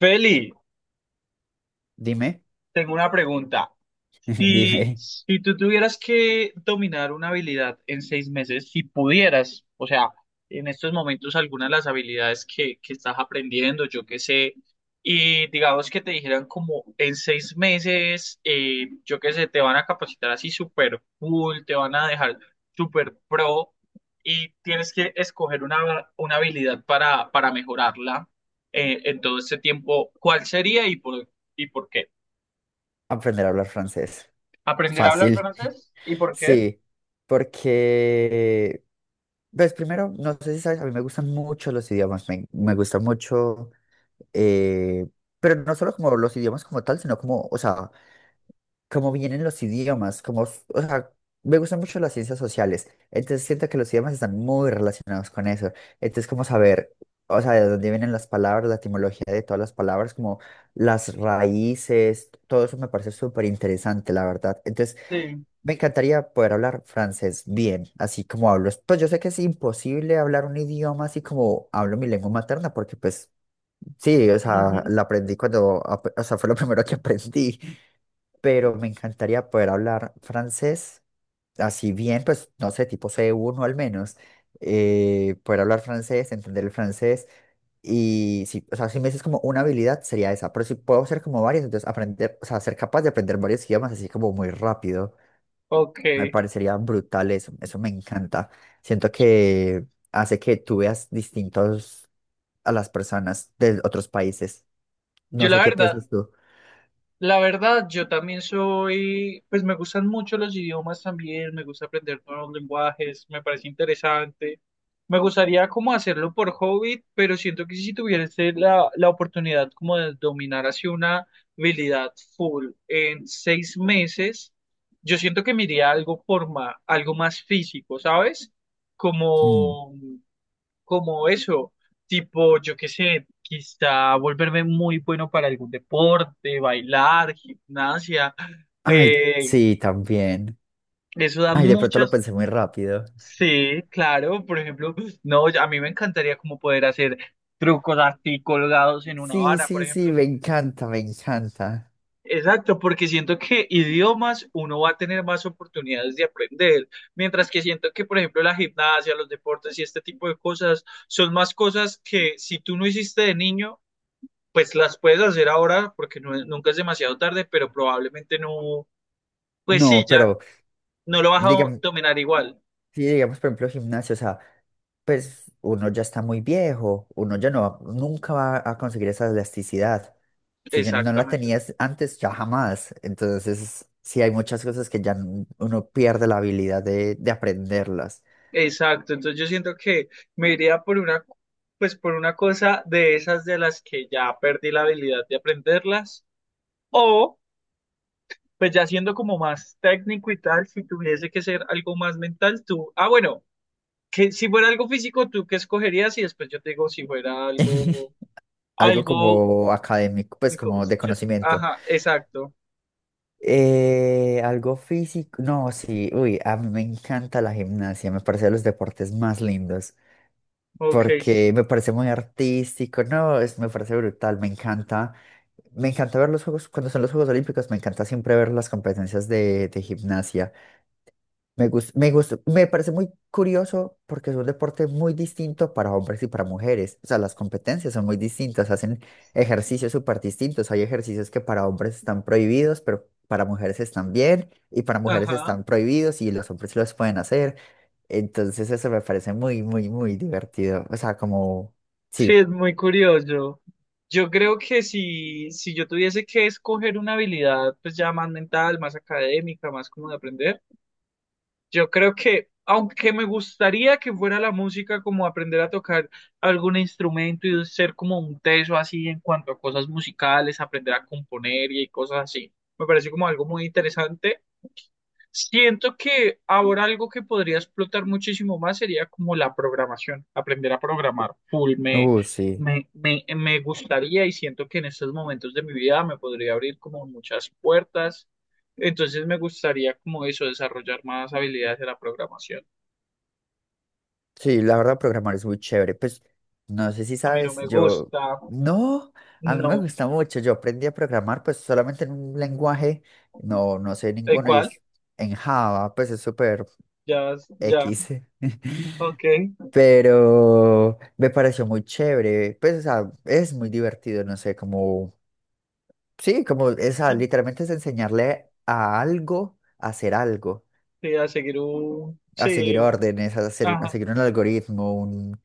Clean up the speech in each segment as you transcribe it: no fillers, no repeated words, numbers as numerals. Feli, Dime. tengo una pregunta. Si, Dime, si tú tuvieras que dominar una habilidad en 6 meses, si pudieras, o sea, en estos momentos algunas de las habilidades que estás aprendiendo, yo qué sé, y digamos que te dijeran como en 6 meses, yo qué sé, te van a capacitar así súper cool, te van a dejar súper pro y tienes que escoger una habilidad para mejorarla en todo este tiempo, ¿cuál sería y por qué? aprender a hablar francés. Aprender a hablar Fácil, francés y por qué. sí, porque, pues primero, no sé si sabes, a mí me gustan mucho los idiomas, me gusta mucho, eh, pero no solo como los idiomas como tal, sino como, o sea, como vienen los idiomas, como, o sea, me gustan mucho las ciencias sociales, entonces siento que los idiomas están muy relacionados con eso, entonces como saber, o sea, de dónde vienen las palabras, la etimología de todas las palabras, como las raíces, todo eso me parece súper interesante, la verdad. Entonces, Sí. me encantaría poder hablar francés bien, así como hablo. Pues yo sé que es imposible hablar un idioma así como hablo mi lengua materna, porque pues sí, o sea, Ujú. la aprendí cuando, o sea, fue lo primero que aprendí, pero me encantaría poder hablar francés, así bien, pues no sé, tipo C1 al menos, poder hablar francés, entender el francés, y si, o sea, si me dices como una habilidad sería esa, pero si puedo hacer como varias, entonces aprender, o sea, ser capaz de aprender varios idiomas así como muy rápido, Ok. me parecería brutal eso, eso me encanta. Siento que hace que tú veas distintos a las personas de otros países. Yo No la sé qué verdad, piensas tú. Yo también soy, pues me gustan mucho los idiomas también, me gusta aprender nuevos lenguajes, me parece interesante. Me gustaría como hacerlo por hobby, pero siento que si tuviese la oportunidad como de dominar así una habilidad full en 6 meses, yo siento que me iría a algo algo más físico, ¿sabes? Mm. Como como eso, tipo, yo qué sé, quizá volverme muy bueno para algún deporte, bailar, gimnasia, Ay, eh, sí, también. eso da Ay, de pronto lo muchas, pensé muy rápido. sí, claro, por ejemplo, no, a mí me encantaría como poder hacer trucos así colgados en una Sí, vara, por sí, sí, ejemplo. me encanta, me encanta. Exacto, porque siento que idiomas uno va a tener más oportunidades de aprender, mientras que siento que, por ejemplo, la gimnasia, los deportes y este tipo de cosas son más cosas que si tú no hiciste de niño, pues las puedes hacer ahora porque nunca es demasiado tarde, pero probablemente no, pues sí, No, ya pero no lo vas a digamos, dominar igual. sí, digamos, por ejemplo, gimnasio, o sea, pues uno ya está muy viejo, uno ya no, nunca va a conseguir esa elasticidad. Si ya no la Exactamente. tenías antes, ya jamás. Entonces, sí, hay muchas cosas que ya uno pierde la habilidad de aprenderlas. Exacto. Entonces yo siento que me iría por una, pues por una cosa de esas de las que ya perdí la habilidad de aprenderlas, o pues ya siendo como más técnico y tal, si tuviese que ser algo más mental, tú, ah, bueno, que si fuera algo físico, ¿tú qué escogerías? Y después yo te digo si fuera Algo algo, como académico, pues técnico, como de conocimiento. ajá, exacto. Algo físico. No, sí, uy, a mí me encanta la gimnasia, me parece de los deportes más lindos, Ok, porque me parece muy artístico, no, es, me parece brutal, me encanta ver los juegos, cuando son los Juegos Olímpicos, me encanta siempre ver las competencias de gimnasia. Me parece muy curioso porque es un deporte muy distinto para hombres y para mujeres. O sea, las competencias son muy distintas, hacen ejercicios súper distintos. Hay ejercicios que para hombres están prohibidos, pero para mujeres están bien, y para mujeres ajá. están prohibidos y los hombres los pueden hacer. Entonces eso me parece muy, muy, muy divertido. O sea, como, Sí, sí, es muy curioso. Yo creo que si yo tuviese que escoger una habilidad, pues ya más mental, más académica, más como de aprender, yo creo que, aunque me gustaría que fuera la música, como aprender a tocar algún instrumento y ser como un teso así en cuanto a cosas musicales, aprender a componer y cosas así. Me parece como algo muy interesante. Siento que ahora algo que podría explotar muchísimo más sería como la programación, aprender a programar full. Me, sí. me, me, me gustaría y siento que en estos momentos de mi vida me podría abrir como muchas puertas. Entonces me gustaría como eso, desarrollar más habilidades de la programación. Sí, la verdad, programar es muy chévere. Pues no sé si A mí no sabes, me yo gusta, no, a mí me no. gusta mucho. Yo aprendí a programar pues solamente en un lenguaje, no, no sé ¿En ninguno y cuál? es en Java, pues es súper Ya, ya, X. ok. Pero me pareció muy chévere. Pues o sea, es muy divertido, no sé, como, sí, como esa, literalmente es enseñarle a algo a hacer algo, Sí, a seguir un, a sí, seguir órdenes, a hacer, a ajá, seguir un algoritmo,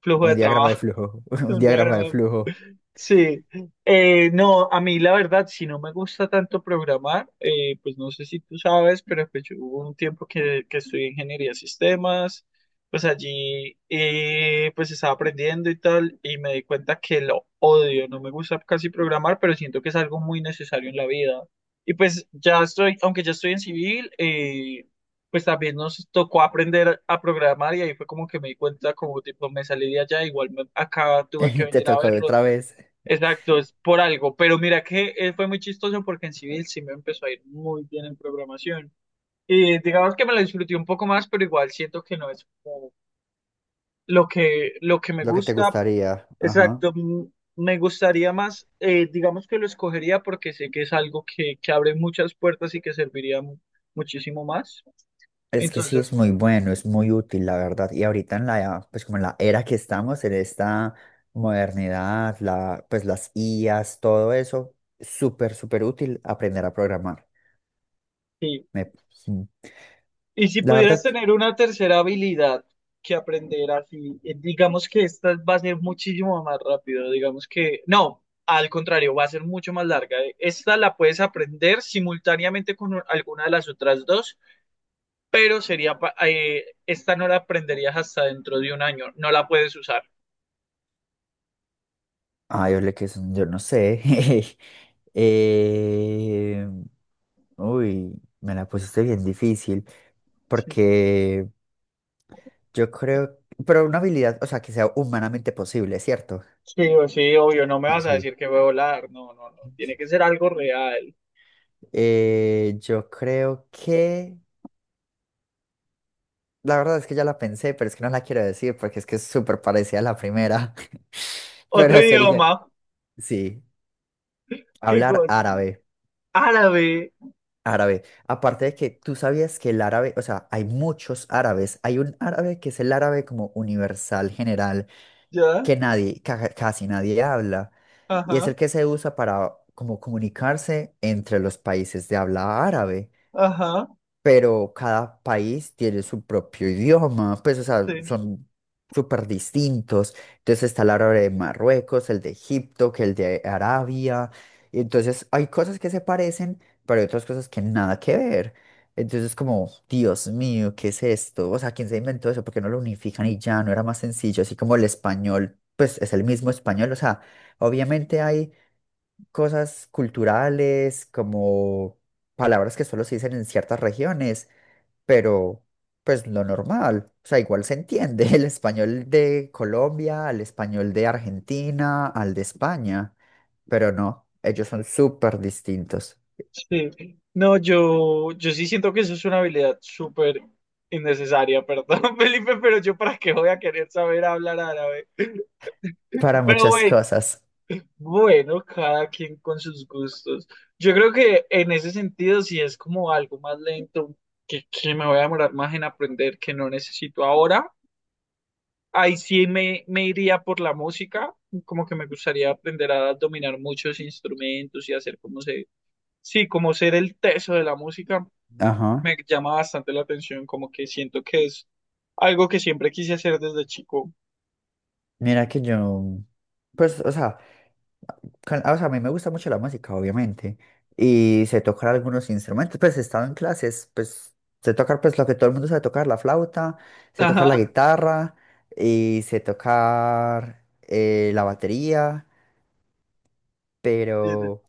flujo un de diagrama de trabajo, flujo, un un diagrama diagrama. de flujo. Sí, no, a mí la verdad, si no me gusta tanto programar, pues no sé si tú sabes, pero pues yo hubo un tiempo que estudié ingeniería de sistemas, pues allí pues estaba aprendiendo y tal, y me di cuenta que lo odio, no me gusta casi programar, pero siento que es algo muy necesario en la vida. Y pues ya estoy, aunque ya estoy en civil, pues también nos tocó aprender a programar y ahí fue como que me di cuenta, como tipo, me salí de allá, igual acá tuve que Te venir a tocó verlo. otra vez. Exacto, es por algo, pero mira que fue muy chistoso porque en civil sí me empezó a ir muy bien en programación. Y digamos que me lo disfruté un poco más, pero igual siento que no es como lo que me Lo que te gusta. gustaría. Ajá. Exacto, mm, me gustaría más, digamos que lo escogería porque sé que es algo que abre muchas puertas y que serviría muchísimo más. Es que sí es Entonces, muy bueno, es muy útil, la verdad. Y ahorita en la, pues como en la era que estamos, en esta modernidad, la, pues las IAs, todo eso, súper, súper útil aprender a programar. sí. Me- sí, Y si la pudieras verdad, tener una tercera habilidad que aprender así, digamos que esta va a ser muchísimo más rápido, digamos que, no, al contrario, va a ser mucho más larga. Esta la puedes aprender simultáneamente con alguna de las otras dos, pero sería, esta no la aprenderías hasta dentro de un año, no la puedes usar. ay, ole, que son, yo no sé. Eh, uy, me la pusiste bien difícil, Sí, porque yo creo, pero una habilidad, o sea, que sea humanamente posible, ¿cierto? sí, o sí, obvio, no me Sí, vas a sí. decir que voy a volar, no, no, no, tiene que ser algo real. Yo creo que, la verdad es que ya la pensé, pero es que no la quiero decir porque es que es súper parecida a la primera. Otro Pero sería, idioma, sí, ¿qué hablar cosa? árabe, Árabe, árabe. Aparte de que tú sabías que el árabe, o sea, hay muchos árabes. Hay un árabe que es el árabe como universal, general, ¿ya? que nadie, ja, casi nadie habla. Y es el Ajá, que se usa para como comunicarse entre los países de habla árabe, ajá. pero cada país tiene su propio idioma, pues, o sea, Sí, son súper distintos. Entonces está el árabe de Marruecos, el de Egipto, que el de Arabia. Y entonces hay cosas que se parecen, pero hay otras cosas que nada que ver. Entonces, como, Dios mío, ¿qué es esto? O sea, ¿quién se inventó eso? ¿Por qué no lo unifican y ya? No era más sencillo, así como el español, pues es el mismo español. O sea, obviamente hay cosas culturales, como palabras que solo se dicen en ciertas regiones, pero pues lo normal, o sea, igual se entiende el español de Colombia, al español de Argentina, al de España, pero no, ellos son súper distintos sí. No, yo sí siento que eso es una habilidad súper innecesaria, perdón, Felipe, pero yo para qué voy a querer saber hablar árabe. para Pero muchas güey, cosas. bueno, cada quien con sus gustos. Yo creo que en ese sentido, si es como algo más lento, que me voy a demorar más en aprender que no necesito ahora, ahí sí me iría por la música, como que me gustaría aprender a dominar muchos instrumentos y hacer como sí, como ser el teso de la música. Ajá. Me llama bastante la atención, como que siento que es algo que siempre quise hacer desde chico. Mira que yo, pues, o sea, o sea, a mí me gusta mucho la música, obviamente, y sé tocar algunos instrumentos, pues he estado en clases, pues sé tocar pues lo que todo el mundo sabe tocar, la flauta, sé tocar la Ajá, guitarra y sé tocar la batería, desde- pero,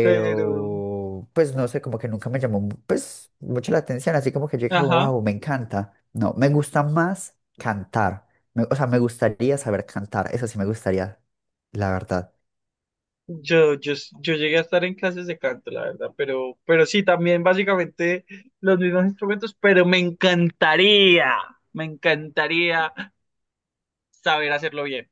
pero, pues no sé, como que nunca me llamó, pues, mucho la atención, así como que yo dije, como, ajá, wow, me encanta. No, me gusta más cantar. Me- o sea, me gustaría saber cantar, eso sí me gustaría, la verdad. yo, yo, yo llegué a estar en clases de canto, la verdad, pero, sí, también básicamente los mismos instrumentos, pero me encantaría saber hacerlo bien.